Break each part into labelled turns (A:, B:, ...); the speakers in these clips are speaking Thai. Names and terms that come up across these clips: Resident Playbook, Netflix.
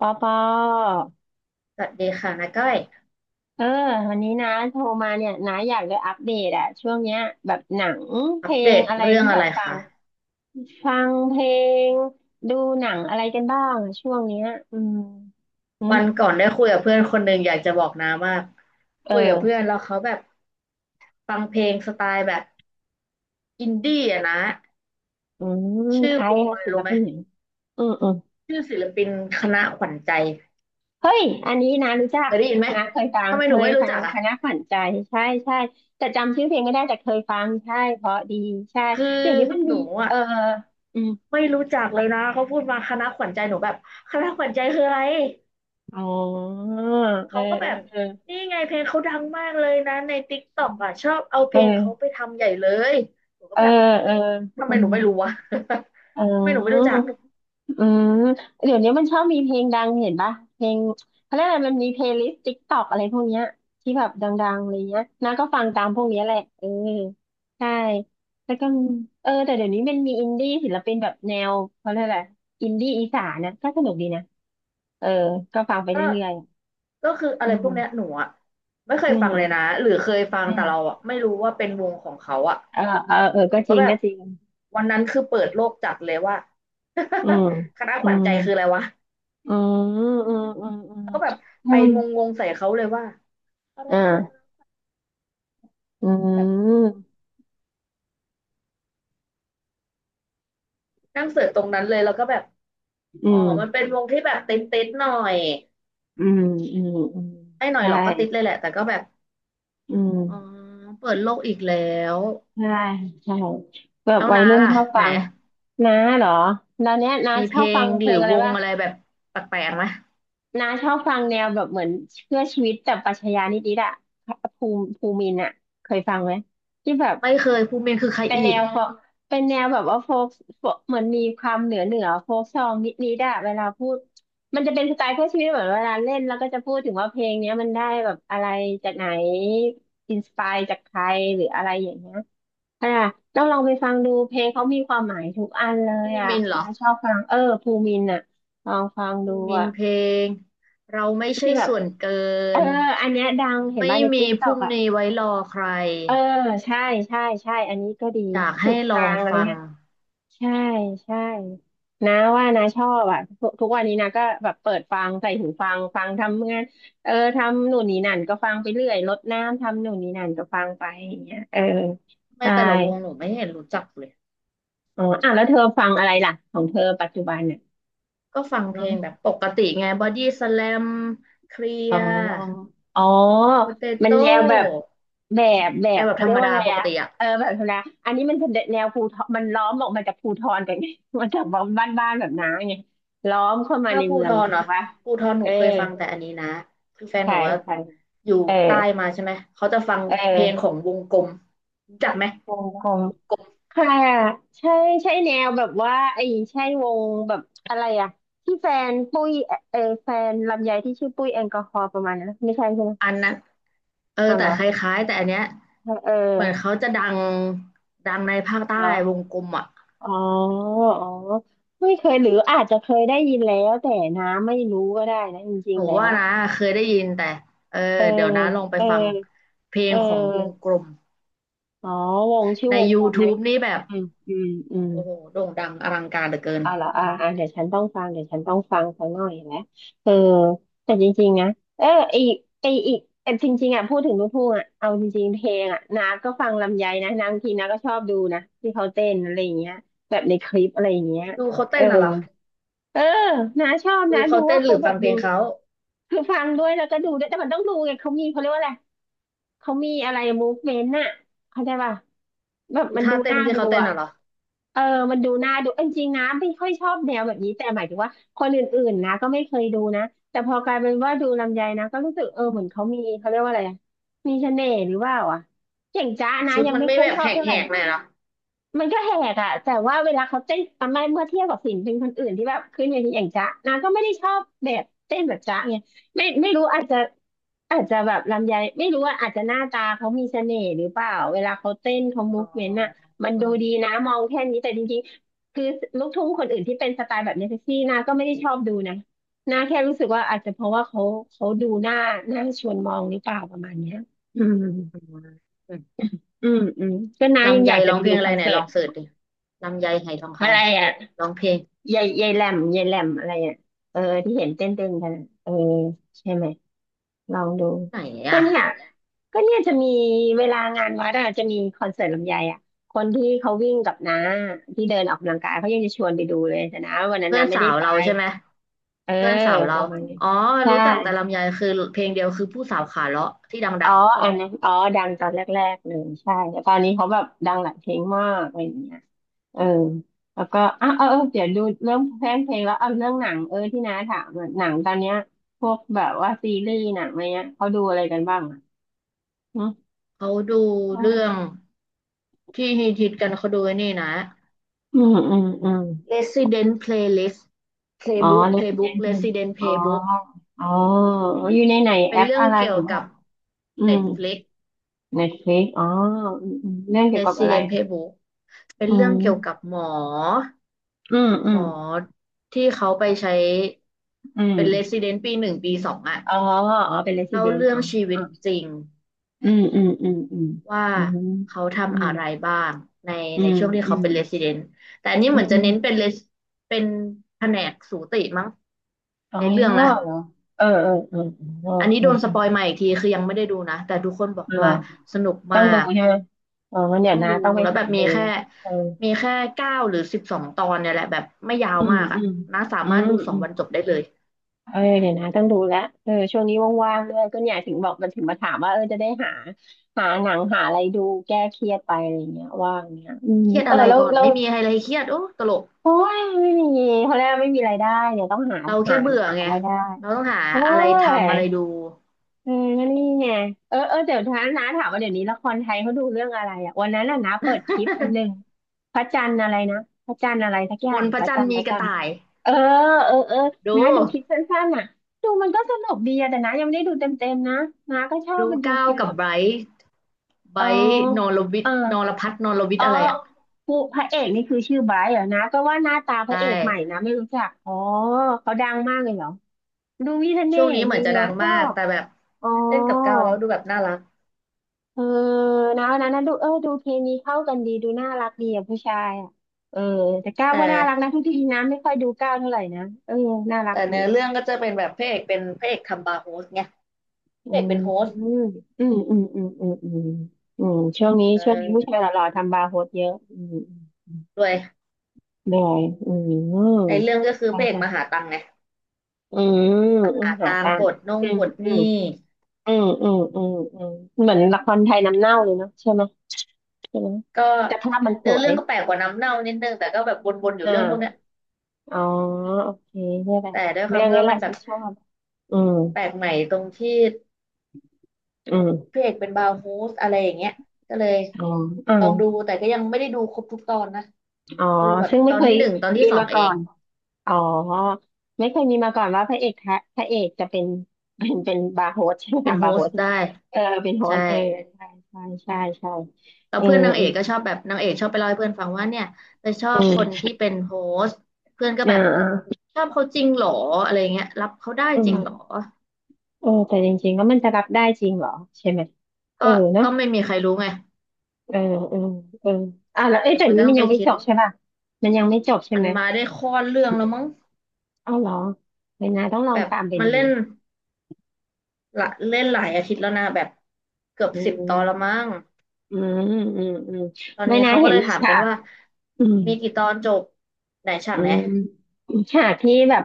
A: ปอปอ
B: สวัสดีค่ะนาก้อย
A: เออวันนี้นะโทรมาเนี่ยนะอยากจะอัปเดตอะช่วงเนี้ยแบบหนังเพ
B: อัป
A: ล
B: เด
A: ง
B: ต
A: อะไร
B: เรื่อง
A: ที่แบ
B: อะไร
A: บฟัง
B: คะ
A: ฟังเพลงดูหนังอะไรกันบ้างอะช่วงเนี้ยอืมอืม
B: วันก่อนได้คุยกับเพื่อนคนหนึ่งอยากจะบอกนามาก
A: เออ
B: คุยกับเพื่อนแล้วเขาแบบฟังเพลงสไตล์แบบอินดี้อะนะชื่
A: ใค
B: อ
A: ร
B: วง
A: อะ
B: อะไร
A: ศิล
B: รู้ไหม
A: ปินไหนอืมอืม
B: ชื่อศิลปินคณะขวัญใจ
A: เฮ้ยอันนี้นะรู้จัก
B: เคยได้ยินไหม
A: นะเคยฟัง
B: ทำไม
A: เค
B: หนู
A: ย
B: ไม่รู้
A: ฟั
B: จั
A: ง
B: ก
A: ค
B: อ่ะ
A: ณะขวัญใจใช่ใช่แต่จำชื่อเพลงไม่ได้แต่เคยฟังใช่เพราะดีใช่
B: คือ
A: เดี๋ยวนี้มัน
B: ห
A: มี
B: นู
A: เอ
B: อ่ะ
A: ออืม
B: ไม่รู้จักเลยนะเขาพูดมาคณะขวัญใจหนูแบบคณะขวัญใจคืออะไร
A: อ๋อเออ
B: เขาก็แบบ
A: เออ
B: นี่ไงเพลงเขาดังมากเลยนะในติ๊กต็อกอ่ะชอบเอาเพ
A: เ
B: ลงเขาไป
A: ออ
B: ทำใหญ่เลยหนูก็
A: เออ
B: แบบ
A: เออ
B: ทำ
A: อื
B: ไมห
A: ม
B: นูไม่รู้วะ
A: อื
B: ทำไมหนูไม่
A: ม
B: รู้จัก
A: อืมเดี๋ยวนี้มันชอบมีเพลงดังเห็นปะเพลงเขาเรียกอะไรมันมีเพลย์ลิสต์ติ๊กตอกอะไรพวกเนี้ยที่แบบดังๆอะไรเงี้ยน้าก็ฟังตามพวกเนี้ยแหละเออใช่แล้วก็มีแต่เดี๋ยวนี้มันมีอินดี้ศิลปินแบบแนวเขาเรียกอะไรอินดี้อีสานนะก็สนุกดีนะเออก็ฟังไป
B: ก็
A: เรื่อย
B: ก็คือ
A: ๆ
B: อะไรพวกเนี้ยหนูอ่ะไม่เค
A: อื
B: ยฟังเลยนะ
A: ม
B: หรือเคยฟัง
A: อื
B: แต่
A: ม
B: เราอ่ะไม่รู้ว่าเป็นวงของเขาอ่ะ
A: เออเออ
B: ห
A: ก็
B: นู
A: จ
B: ก็
A: ริง
B: แบบ
A: ก็จริง
B: วันนั้นคือเปิดโลกจัดเลยว่า
A: อืม
B: คณะ
A: อื
B: ขวัญ
A: ม
B: ใจคืออะไรวะ
A: อืมอืมอืมอืม
B: แล้วก็แบบ
A: อื
B: ไป
A: ม
B: งงๆใส่เขาเลยว่าอะไรคือค
A: อ่า
B: ณะ
A: อื
B: แบบ
A: ม
B: นั่งเสิร์ชตรงนั้นเลยแล้วก็แบบ
A: อื
B: อ๋อ
A: ม
B: มันเป็นวงที่แบบติดหน่อย
A: อืมอืมอืม
B: ไม่หน่อย
A: ใช่
B: หรอกก็ติดเลยแหละแต่ก็แบบ
A: อืม
B: อ๋อเปิดโลกอีกแล้ว
A: ใช่ใช่แบบ
B: แล้ว
A: วัย
B: น้า
A: รุ่น
B: ล่ะ
A: ชอบ
B: ไหน
A: ฟังน้าเหรอตอนเนี้ยน้า
B: มี
A: ช
B: เพ
A: อ
B: ล
A: บฟั
B: ง
A: งเพ
B: หรื
A: ล
B: อ
A: งอะไร
B: วง
A: บ้าง
B: อะไรแบบแปลกๆไหม
A: น้าชอบฟังแนวแบบเหมือนเพื่อชีวิตแต่ปรัชญานิดๆอะภูมินอะเคยฟังไหมที่แบบ
B: ไม่เคยภูมินคือใคร
A: เป็นแน
B: อีก
A: วโฟกเป็นแนวแบบว่าโฟกเหมือนมีความเหนือโฟกซองนิดนิดอะเวลาพูดมันจะเป็นสไตล์เพื่อชีวิตเหมือนเวลาเล่นแล้วก็จะพูดถึงว่าเพลงเนี้ยมันได้แบบอะไรจากไหนอินสปายจากใครหรืออะไรอย่างเงี้ยอ่ะต้องลองไปฟังดูเพลงเขามีความหมายทุกอันเลย
B: ภู
A: อ่ะ
B: มินเหรอ
A: นะชอบฟังเออภูมินอ่ะลองฟัง
B: ภู
A: ดู
B: มิน
A: อ่ะ
B: เพลงเราไม่ใช่
A: ที่แบบ
B: ส่วนเกิ
A: เออ
B: น
A: อันเนี้ยดังเห็น
B: ไม่
A: บ้างใน
B: มี
A: ติ๊ก
B: พ
A: ต็อก
B: รุ่ง
A: อ่ะ
B: นี้ไว้รอใคร
A: เออใช่ใช่ใช่อันนี้ก็ดี
B: อยาก
A: สุ
B: ให้
A: ด
B: ลอ
A: ทา
B: ง
A: งอะไร
B: ฟัง
A: เงี้ย ใช่ใช่นะว่านะชอบอ่ะทุกวันนี้นะก็แบบเปิดฟังใส่หูฟังฟังทำงานเออทำหนูนนี่นั่นก็ฟังไปเรื่อยรดน้ำทำหนูนนี่นั่นก็ฟังไปอย่างเงี้ยเออ
B: ไม่
A: ใช่
B: แต่ละวงหนูไม่เห็นรู้จักเลย
A: อ๋ออ่ะแล้วเธอฟังอะไรล่ะของเธอปัจจุบันเนี่ย
B: ก็ฟังเพลงแบบปกติไงบอดี้สแลมเคลี
A: อ๋
B: ย
A: อ
B: ร์
A: อ๋อ
B: โปเต
A: มัน
B: โต้
A: แนวแบบแบบแบ
B: แต่
A: บ
B: แบบ
A: เขา
B: ธร
A: เรีย
B: รม
A: กว่า
B: ดา
A: อะไร
B: ปก
A: อะ
B: ติอะ
A: เออแบบนนนะอันนี้มันจะแนวภูทรมันล้อมออกมาจากภูทรกันไง มันจากบ้านๆแบบน้าไงล้อมเข้ามา
B: ถ้า
A: ใน
B: ภู
A: เมือ
B: ท
A: งไง
B: ร
A: ถู
B: เนาะ
A: กปะ
B: ภูทรห
A: เอ
B: นู
A: อ
B: เคยฟังแต่อันนี้นะคือแฟนห
A: ใช่
B: นูว่า
A: ใช่
B: อยู่
A: เออ
B: ใต้มาใช่ไหม เขาจะฟัง
A: เ
B: เพลงข
A: ออ
B: องวงกลมรู้จักไหม
A: วงกลม
B: กลม
A: ค่ะใช่ใช่แนวแบบว่าไอ้ใช่วงแบบอะไรอะที่แฟนปุ้ยเออแฟนลำไยที่ชื่อปุ้ยแอลกอฮอล์ประมาณนั้นนะไม่ใช่ใช่ไหม
B: อันนั้นเออ
A: อ๋อเห
B: แต่
A: รอ
B: คล้ายๆแต่อันเนี้ย
A: เอ
B: เหมือน
A: อ
B: เขาจะดังดังในภาคใต้
A: เหรอ
B: วงกลมอะ
A: อ๋ออ๋อไม่เคยหรืออาจจะเคยได้ยินแล้วแต่น้ำไม่รู้ก็ได้นะจริ
B: ห
A: ง
B: นู
A: ๆแล้ว
B: ว่า
A: อะ
B: นะเคยได้ยินแต่เออ
A: เออ
B: เดี๋ยวนะลองไป
A: เออ
B: ฟังเพล
A: เอ
B: งของวงก
A: อ
B: ลม
A: อ๋อวงชื่อ
B: ใน
A: วงกลมนะ
B: YouTube นี่แบบ
A: อืมอืมอืม
B: โอ้โหโด่งดังอลังการเหลือเกิน
A: เอาเหรอเดี๋ยวฉันต้องฟังเดี๋ยวฉันต้องฟังสักหน่อยนะเออแต่จริงๆนะเอออีกไออีกแต่จริงๆอ่ะพูดถึงลูกทุ่งอ่ะเอาจริงๆเพลงอ่ะน้ำก็ฟังลำไยนะน้าบางทีน้ำก็ชอบดูนะที่เขาเต้นอะไรอย่างเงี้ยแบบในคลิปอะไรอย่างเงี้ย
B: ดูเขา
A: เอ
B: เต้
A: อ
B: นน่ะเหรอ
A: เออนาชอบ
B: ดู
A: นะดู
B: เขาเต้
A: ว่า
B: นห
A: เขา
B: รือ
A: แบ
B: ฟั
A: บ
B: งเพ
A: ดู
B: ลงเขา
A: คือฟังด้วยแล้วก็ดูด้วยแต่มันต้องดูไงเขามีเขาเรียกว่าอะไรเขามีอะไรมูฟเมนต์น่ะเข้าใจป่ะแบบ
B: ดู
A: มัน
B: ท่า
A: ดู
B: เต้น
A: น่า
B: ที่
A: ดู
B: เขาเต้น
A: อ่ะ
B: น่ะเหรอ
A: เออมันดูน่าดูเออจริงๆนะไม่ค่อยชอบแนวแบบนี้แต่หมายถึงว่าคนอื่นๆนะก็ไม่เคยดูนะแต่พอกลายเป็นว่าดูลำไยนะก็รู้สึกเออเหมือนเขามีเขาเรียกว่าอะไรอะมีเสน่ห์หรือว่าอ่ะอย่างจ้านะ
B: ชุด
A: ยัง
B: มัน
A: ไม่
B: ไม่
A: ค่อย
B: แบ
A: ช
B: บ
A: อ
B: แ
A: บเท่าไห
B: ห
A: ร่
B: กๆหน่อยเหรอ
A: มันก็แหกอะแต่ว่าเวลาเขาเต้นทำไมเมื่อเทียบกับศิลปินคนอื่นที่แบบขึ้นเวทีอย่างจ๊ะนางก็ไม่ได้ชอบแบบเต้นแบบจ๊ะไงไม่รู้อาจจะแบบลำไยไม่รู้ว่าอาจจะหน้าตาเขามีเสน่ห์หรือเปล่าเวลาเขาเต้นเขามู
B: อ๋
A: ฟเมนต์อะ
B: อ
A: มันดูดีนะมองแค่นี้แต่จริงๆคือลูกทุ่งคนอื่นที่เป็นสไตล์แบบเนเซี่นาก็ไม่ได้ชอบดูนะนาแค่รู้สึกว่าอาจจะเพราะว่าเขาเขาดูหน้าชวนมองหรือเปล่าประมาณเนี้ยอืม
B: อืมอืม
A: อืมอืมก็น้ายัง
B: ลำไย
A: อยากจะ
B: ร้อ
A: ไป
B: งเพล
A: ดู
B: งอะ
A: ค
B: ไร
A: อน
B: ไหน
A: เสิ
B: ล
A: ร์
B: อ
A: ต
B: งเสิร์ชดิลำไยไหทองค
A: อะไรอ่ะ
B: ำร้องเพลง
A: ยายยายแหลมยายแหลมอะไรอ่ะเออที่เห็นเต้นเต้นกันอะเออใช่ไหมลองดู
B: ไหน
A: ก็
B: อ่ะ
A: เนี่ยก็เนี่ยจะมีเวลางานวัดอ่ะจะมีคอนเสิร์ตลำไยอ่ะคนที่เขาวิ่งกับน้าที่เดินออกกำลังกายเขายังจะชวนไปดูเลยแต่น้าวันนั้น
B: เพื่อ
A: น้า
B: น
A: ไม่
B: สา
A: ได้
B: ว
A: ไป
B: เราใช่ไหม
A: เออ
B: เพื่อนสาว
A: ป
B: เรา
A: ระมาณนี้
B: อ๋อ
A: ใช่
B: รู้จักแต่ลำไยคือเพลงเดียวคือผู้สาวขาเลาะที่ดัง
A: อ๋ออันนั้นอ๋อดังตอนแรกๆเลยใช่แต่ตอนนี้เขาแบบดังหลายเพลงมากอะไรอย่างเงี้ย เออแล้วก็อ่ะเออเออเดี๋ยวดูเรื่องเพลงแล้วเอาเรื่องหนังเออที่น้าถามอะหนังตอนเนี้ยพวกแบบว่าซีรีส์หนังอะไรเงี้ยเขาดูอะไรกันบ้างอ่ะอืม
B: ๆเขาดูเรื่องที่ฮิตๆกันเขาดูไอ้นี่นะ
A: อืมอืมอืม
B: Resident Playlist
A: อ๋อ
B: Playbook
A: Resident
B: Playbook
A: Evil
B: Resident
A: อ๋อ
B: Playbook
A: อ๋ออยู่ในไหนแอ
B: เป็น
A: ป
B: เรื่อง
A: อะไร
B: เกี่
A: ห
B: ย
A: รื
B: ว
A: อว่า
B: กับ
A: อืม
B: Netflix
A: Netflix อ๋ออืมอืมเรื่องเกี่ยวกับอะไร
B: Resident
A: อะ
B: Playbook เป็น
A: อื
B: เรื่องเกี่ยวกับ
A: ม
B: หมอ
A: อืมอื
B: หม
A: ม
B: อที่เขาไปใช้
A: อืม
B: เป็น Resident ปีหนึ่งปีสองอะ
A: อ๋ออ๋อเป็น
B: เล่า
A: Resident
B: เรื่อ
A: อ๋
B: ง
A: อ
B: ชีวิ
A: อ๋อ
B: ตจริง
A: อืมอืมอืมอืม
B: ว่า
A: อืม
B: เขา
A: อื
B: ทำ
A: ม
B: อะไรบ้างใน
A: อื
B: ใน
A: ม
B: ช่วงที่
A: อื
B: เขา
A: ม
B: เป็น Resident แต่อันนี้
A: อื
B: เหมือนจะเน้น
A: ม
B: เป็น เป็นแผนกสูติมั้ง
A: อ๋อ
B: ในเรื่องนะ
A: เหรอเออเออเออเออ
B: อันนี้
A: เออ
B: โดนสปอย
A: เ
B: มาอีกทีคือยังไม่ได้ดูนะแต่ทุกคนบอ
A: อ
B: ก
A: อเหร
B: ว่า
A: อ
B: สนุก
A: ต้อ
B: มา
A: งดู
B: ก
A: ใช่ไหมอ๋อมันเดี๋ย
B: ต้อ
A: ว
B: ง
A: นะ
B: ดู
A: ต้องไป
B: แล้วแบ
A: หา
B: บมี
A: ดู
B: แค่
A: แล้วเออ
B: มีแค่เก้าหรือสิบสองตอนเนี่ยแหละแบบไม่ยา
A: อื
B: ว
A: ม
B: มาก
A: อื
B: อ่ะ
A: ม
B: นะสา
A: อื
B: มาร
A: ม
B: ถดูส
A: อื
B: อง
A: ม
B: วันจบได้เลย
A: เออเดี๋ยวนะต้องดูแล้วเออช่วงนี้ว่างๆด้วยก็เนี่ยถึงบอกมันถึงมาถามว่าเออจะได้หาหนังหาอะไรดูแก้เครียดไปอะไรเงี้ยว่างเงี้ยอืม
B: เครียด
A: เออ
B: อะไร
A: แล้ว
B: ก่อน
A: เรา
B: ไม่มีอะไรเครียดโอ้ตลก
A: โอ้ยไม่มีเขาเรียกว่าไม่มีรายได้เนี่ยต้องหา
B: เรา
A: หา
B: แค่เบื่อ
A: หา
B: ไง
A: รายได้
B: เราต้องหา
A: โอ้
B: อะไร
A: ย
B: ทำอะไรดู
A: เออก็นี่ไงเออเออเดี๋ยวท้าน้าถามว่าเดี๋ยวนี้ละครไทยเขาดูเรื่องอะไรอ่ะวันนั้นน่ะน้าเปิดคลิปอันหนึ่งพระจันทร์อะไรนะพระจันทร์อะไรสักอ
B: บ
A: ย่า
B: น
A: ง
B: พ
A: พ
B: ระ
A: ระ
B: จัน
A: จั
B: ท
A: น
B: ร์
A: ทร์พ
B: มี
A: ระ
B: ก
A: จั
B: ระ
A: นทร์
B: ต่าย
A: เออเออเออ
B: ดู
A: น้าดูคลิปสั้นๆน่ะดูมันก็สนุกดีอะแต่น้ายังไม่ได้ดูเต็มๆนะน้าก็ชอบ
B: ดู
A: มันดู
B: ก้าว
A: ฟิล
B: กับ
A: แบบ
B: ไบรท์ไบ
A: เอ
B: ร
A: อ
B: ท์นอรวิ
A: เอ
B: ท
A: อ
B: ย์นอรพัฒน์นอรวิท
A: อ๋อ
B: ย์อะไรอ่ะ
A: ผู้พระเอกนี่คือชื่อไบรท์เหรอนะก็ว่าหน้าตาพ
B: ใช่
A: ระเอกใหม่นะไม่รู้จักอ๋อเขาดังมากเลยเหรอดูมีเสน่
B: ช่วง
A: ห์
B: นี้เห
A: ดี
B: มือนจะ
A: นะ
B: ดัง
A: ชอ
B: มาก
A: บ
B: แต่แบบ
A: อ๋อ
B: เล่นกับก้าวแล้วดูแบบน่ารัก
A: เออนะวันนั้นนะดูเออดูเคมีเข้ากันดีดูน่ารักดีอ่ะผู้ชายอ่ะเออแต่ก้าว
B: แต่
A: ก็น่ารักนะทุกทีนะไม่ค่อยดูก้าวเท่าไหร่นะเออน่ารัก
B: แต่
A: ดี
B: เนื้อเรื่องก็จะเป็นแบบพระเอกเป็นพระเอกทำบาร์โฮสไง
A: อื
B: พระเอก
A: ม
B: เป็นโฮสต์
A: อืมอืมอืมอืมอืมอืมช่วงนี้
B: เออ
A: ผู้ชายหล่อๆทำบาร์โฮสเยอะอืม
B: ด้วย
A: เหนื่อยอื
B: ใน
A: ม
B: เรื่องก็คือ
A: ใช่
B: พระเอกมาหา
A: ค่ะ
B: ตังค์ไง
A: อืมอืม
B: หา
A: หา
B: ตัง
A: ตั
B: ค์
A: ง
B: ปล
A: ค์
B: ดนง
A: อืม
B: ปลด
A: อื
B: ห
A: ม
B: นี้
A: อืมอืมอืมอืมเหมือนละครไทยน้ำเน่าเลยเนาะใช่ไหม
B: ก็
A: แต่ภาพมันส
B: เนื้อ
A: ว
B: เรื่
A: ย
B: องก็แปลกกว่าน้ำเน่านิดนึงแต่ก็แบบวนๆอยู่
A: อ่า
B: เรื่องพวกเนี้ย
A: อ๋อโอเคเนี่ยแหละ
B: แต่ด้วยควา
A: เรื่
B: ม
A: อง
B: ที่
A: นี้
B: ว่า
A: แห
B: มั
A: ละ
B: นแบ
A: ฉั
B: บ
A: นชอบอืม
B: แปลกใหม่ตรงที่
A: อืม
B: พระเอกเป็นบาร์โฮสอะไรอย่างเงี้ยก็เลย
A: อ๋ออ่า
B: ลองดูแต่ก็ยังไม่ได้ดูครบทุกตอนนะ
A: อ๋อ
B: ดูแบบ
A: ซึ่ง
B: ต
A: ไม่
B: อน
A: เค
B: ที่
A: ย
B: หนึ่งตอนที่
A: มี
B: สอง
A: มา
B: เอ
A: ก่อ
B: ง
A: นอ๋อไม่เคยมีมาก่อนว่าพระเอกแท้พระเอกจะเป็น เป็นบาร์โฮสใช่ไหม
B: เป็น
A: ทำ
B: โฮ
A: บาร์โฮ
B: ส
A: ส
B: ต์ได้
A: เออเป็นโฮ
B: ใช่
A: สเออใช่ใช่ใช่ใช่
B: แต่
A: เออ
B: เพื่อนนาง
A: เอ
B: เอ
A: อ
B: กก็ชอบแบบนางเอกชอบไปเล่าให้เพื่อนฟังว่าเนี่ยไปชอ
A: อื
B: บ
A: ม
B: คนที่เป็นโฮสต์เพื่อนก็
A: อ่า
B: แบบ
A: อ่า
B: ชอบเขาจริงเหรออะไรเงี้ยรับเขาได้
A: อื
B: จ
A: ม
B: ริงเหรอ
A: เออแต่จริงๆแล้วมันจะรับได้จริงเหรอใช่ไหมเอ
B: ก็
A: อเนาะ
B: ก็ไม่มีใครรู้ไง
A: เออเออเอออ่าแล้วเอ้
B: เอ
A: ย
B: อ
A: แต่
B: มัน
A: นี้
B: ก็ต้
A: มั
B: อ
A: น
B: งไป
A: ยังไม่
B: คิ
A: จ
B: ด
A: บใช่ป่ะมันยังไม่จบใช่
B: มัน
A: ไหม
B: มาได้ข้อเรื่องแล้วมั้ง
A: เอาเหรอไม่นาต้องลอ
B: แบ
A: ง
B: บ
A: ตามไป
B: มัน
A: ดู
B: เล่นละเล่นหลายอาทิตย์แล้วนะแบบเกือบ
A: อื
B: สิบตอนแล้ว
A: ม
B: มั้ง
A: อืมอืมอืม
B: ตอน
A: ไม่
B: นี้
A: นา
B: เขาก็
A: เห็น
B: เลย
A: มี
B: ถาม
A: ฉา
B: กัน
A: ก
B: ว่า
A: อืม
B: มีกี่ตอนจบไหนฉา
A: อื
B: กไหน
A: มมีฉากที่แบบ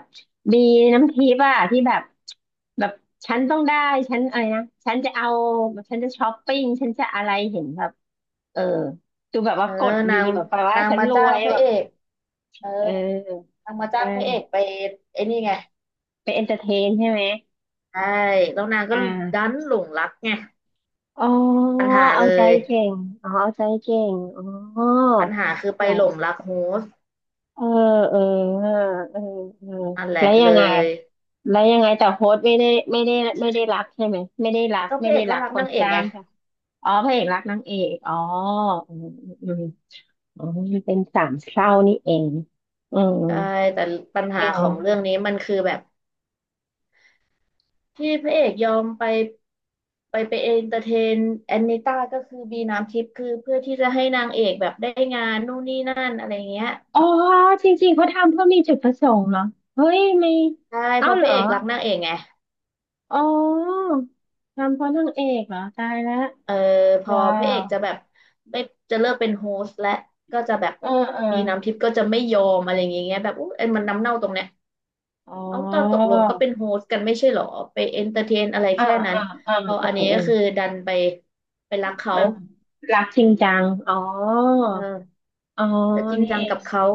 A: บีน้ำทิพย์อะที่แบบแบบฉันต้องได้ฉันอะไรนะฉันจะเอาฉันจะช้อปปิ้งฉันจะอะไรเห็นแบบเออดูแบบว่า
B: เออ
A: กดดี
B: นาง
A: แบบแปลว่า
B: นาง
A: ฉัน
B: มา
A: ร
B: จ้า
A: ว
B: ง
A: ย
B: พ
A: แบ
B: ระเอ
A: บ
B: กเออ
A: เออ
B: นางมาจ้างพระเอก
A: ใช่
B: ไปไอ้นี่ไง
A: ไปเอนเตอร์เทนใช่ไหม
B: ใช่แล้วนาง
A: อ่
B: ก็ดั
A: า
B: นหลงรักไง
A: อ๋อ
B: ปัญหา
A: เอา
B: เล
A: ใจ
B: ย
A: เก่งอ๋อเอาใจเก่งอ๋อ
B: ปัญหาคือไป
A: เหรอ
B: หลงรักโฮสต์
A: เออเออเออเออ
B: นั่นแห
A: แล้
B: ละ
A: วยั
B: เล
A: งไง
B: ย
A: แล้วยังไงแต่โฮสต์ไม่ได้ไม่ได้ไม่ได้รักใช่ไหมไม่ได้รัก
B: ก็พระเอกก็รัก
A: คน
B: นางเอก
A: จ้า
B: ไง
A: งใช่ไหมอ๋อพระเอกรักนางเอกอ๋ออืมอืมอมอ๋อมันเป็นสามเศร้านี่เองอืม
B: ใช่แต่ปัญ
A: อื
B: หาของ
A: ม
B: เรื่องนี้มันคือแบบที่พระเอกยอมไปไปเอนเตอร์เทนแอนนิต้าก็คือบีน้ำทิพย์คือเพื่อที่จะให้นางเอกแบบได้งานนู่นนี่นั่นอะไรเงี้ย
A: อ๋อจริงๆเขาทำเพื่อมีจุดประสงค์เหรอเฮ้ยไม่
B: ใช่เพ
A: เอ้า
B: ราะ
A: เห
B: พ
A: ร
B: ระ
A: อ
B: เอกรักนางเอกไง
A: อ๋อทำเพราะนางเอกเหรอตายแล้ว
B: เออพอ
A: ว้า
B: พระเอ
A: ว
B: กจะแบบไม่จะเลิกเป็นโฮสต์และก็จะแบบ
A: เออเออ
B: บีน้ำทิพย์ก็จะไม่ยอมอะไรอย่างเงี้ยแบบอุ๊ยเอ็นมันน้ำเน่าตรงเนี้ย
A: อ๋
B: เอาตอนตก
A: อ
B: ลงก็เป็นโฮสต์กันไม่ใช่หรอไปเอนเตอร์เทนอะไร
A: อ่า
B: แค่
A: อ่า
B: นั้น
A: อ่าอ่า
B: พออัน
A: อ่า
B: นี้ก็คือดันไปไปรักเขา
A: อ่ารักจริงจังอ๋อ
B: เออ
A: อ๋อ
B: จะจริง
A: นี่
B: จั
A: เอ
B: ง
A: ง
B: กับเขา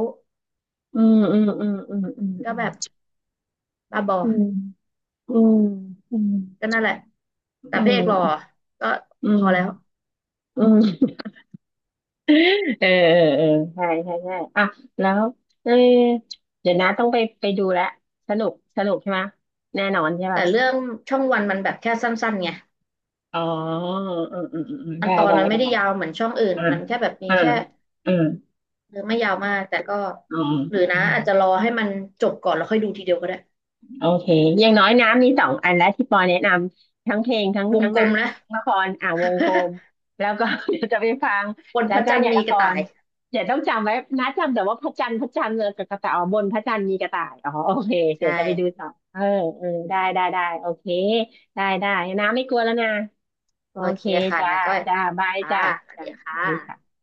A: อืมอืมอืมอืมอืม
B: ก็แบบบ้าบอ
A: อืมอืม
B: ก็นั่นแหละแต่
A: อื
B: พระเอกหล่อ
A: ม
B: ก็
A: อื
B: พ
A: มอื
B: อแล้ว
A: มอืมเออเออเออใช่ใช่ใช่อ่ะแล้วเออเดี๋ยวนะต้องไปดูแลสนุกสนุกใช่ไหมแน่นอนใช่ป่ะ
B: แต่เรื่องช่องวันมันแบบแค่สั้นๆไง
A: อ๋ออืมอืมอืม
B: มั
A: ได้
B: นตอน
A: ได้
B: มันไม่
A: ได้
B: ได้ยาวเหมือนช่องอื่น
A: อ่า
B: มันแค่แบบมี
A: อ่า
B: แค่
A: อืม
B: หรือไม่ยาวมากแต่ก็
A: อ๋
B: หรือนะอาจจะ
A: อ
B: รอให้มันจบก่อนแล้วค่อยดูทีเดียวก็ได้
A: โอเคอย่างน้อยน้ำมีสองอันแล้วที่ปอแนะนำทั้งเพลงทั้ง
B: วง
A: ทั้งห
B: กล
A: นั
B: ม
A: ง
B: นะ
A: ทั้งละครอ่าวงกลม แล้วก็ เดี๋ยวจะไปฟัง
B: บน
A: แล้
B: พ
A: ว
B: ระ
A: ก็
B: จันท
A: เนี่
B: ร์
A: ย
B: มี
A: ละค
B: กระต่า
A: ร
B: ย
A: เดี๋ยวต้องจำไว้นะจำแต่ว่าพระจันทร์เลยกับกระต่ายอ๋อบนพระจันทร์มีกระต่ายอ๋อโอเค
B: ใช
A: เดี๋ยวจะไปดู
B: ่
A: ต่อเออเออได้ได้ได้โอเคได้ได้น้ำไม่กลัวแล้วนะโอ
B: โอเค
A: เค
B: ค่ะ
A: จ้า
B: นะก็
A: จ้าบาย
B: ค่ะ
A: จ้า
B: สวัส
A: จ้า
B: ดีค่
A: ดี
B: ะ
A: ค่ะ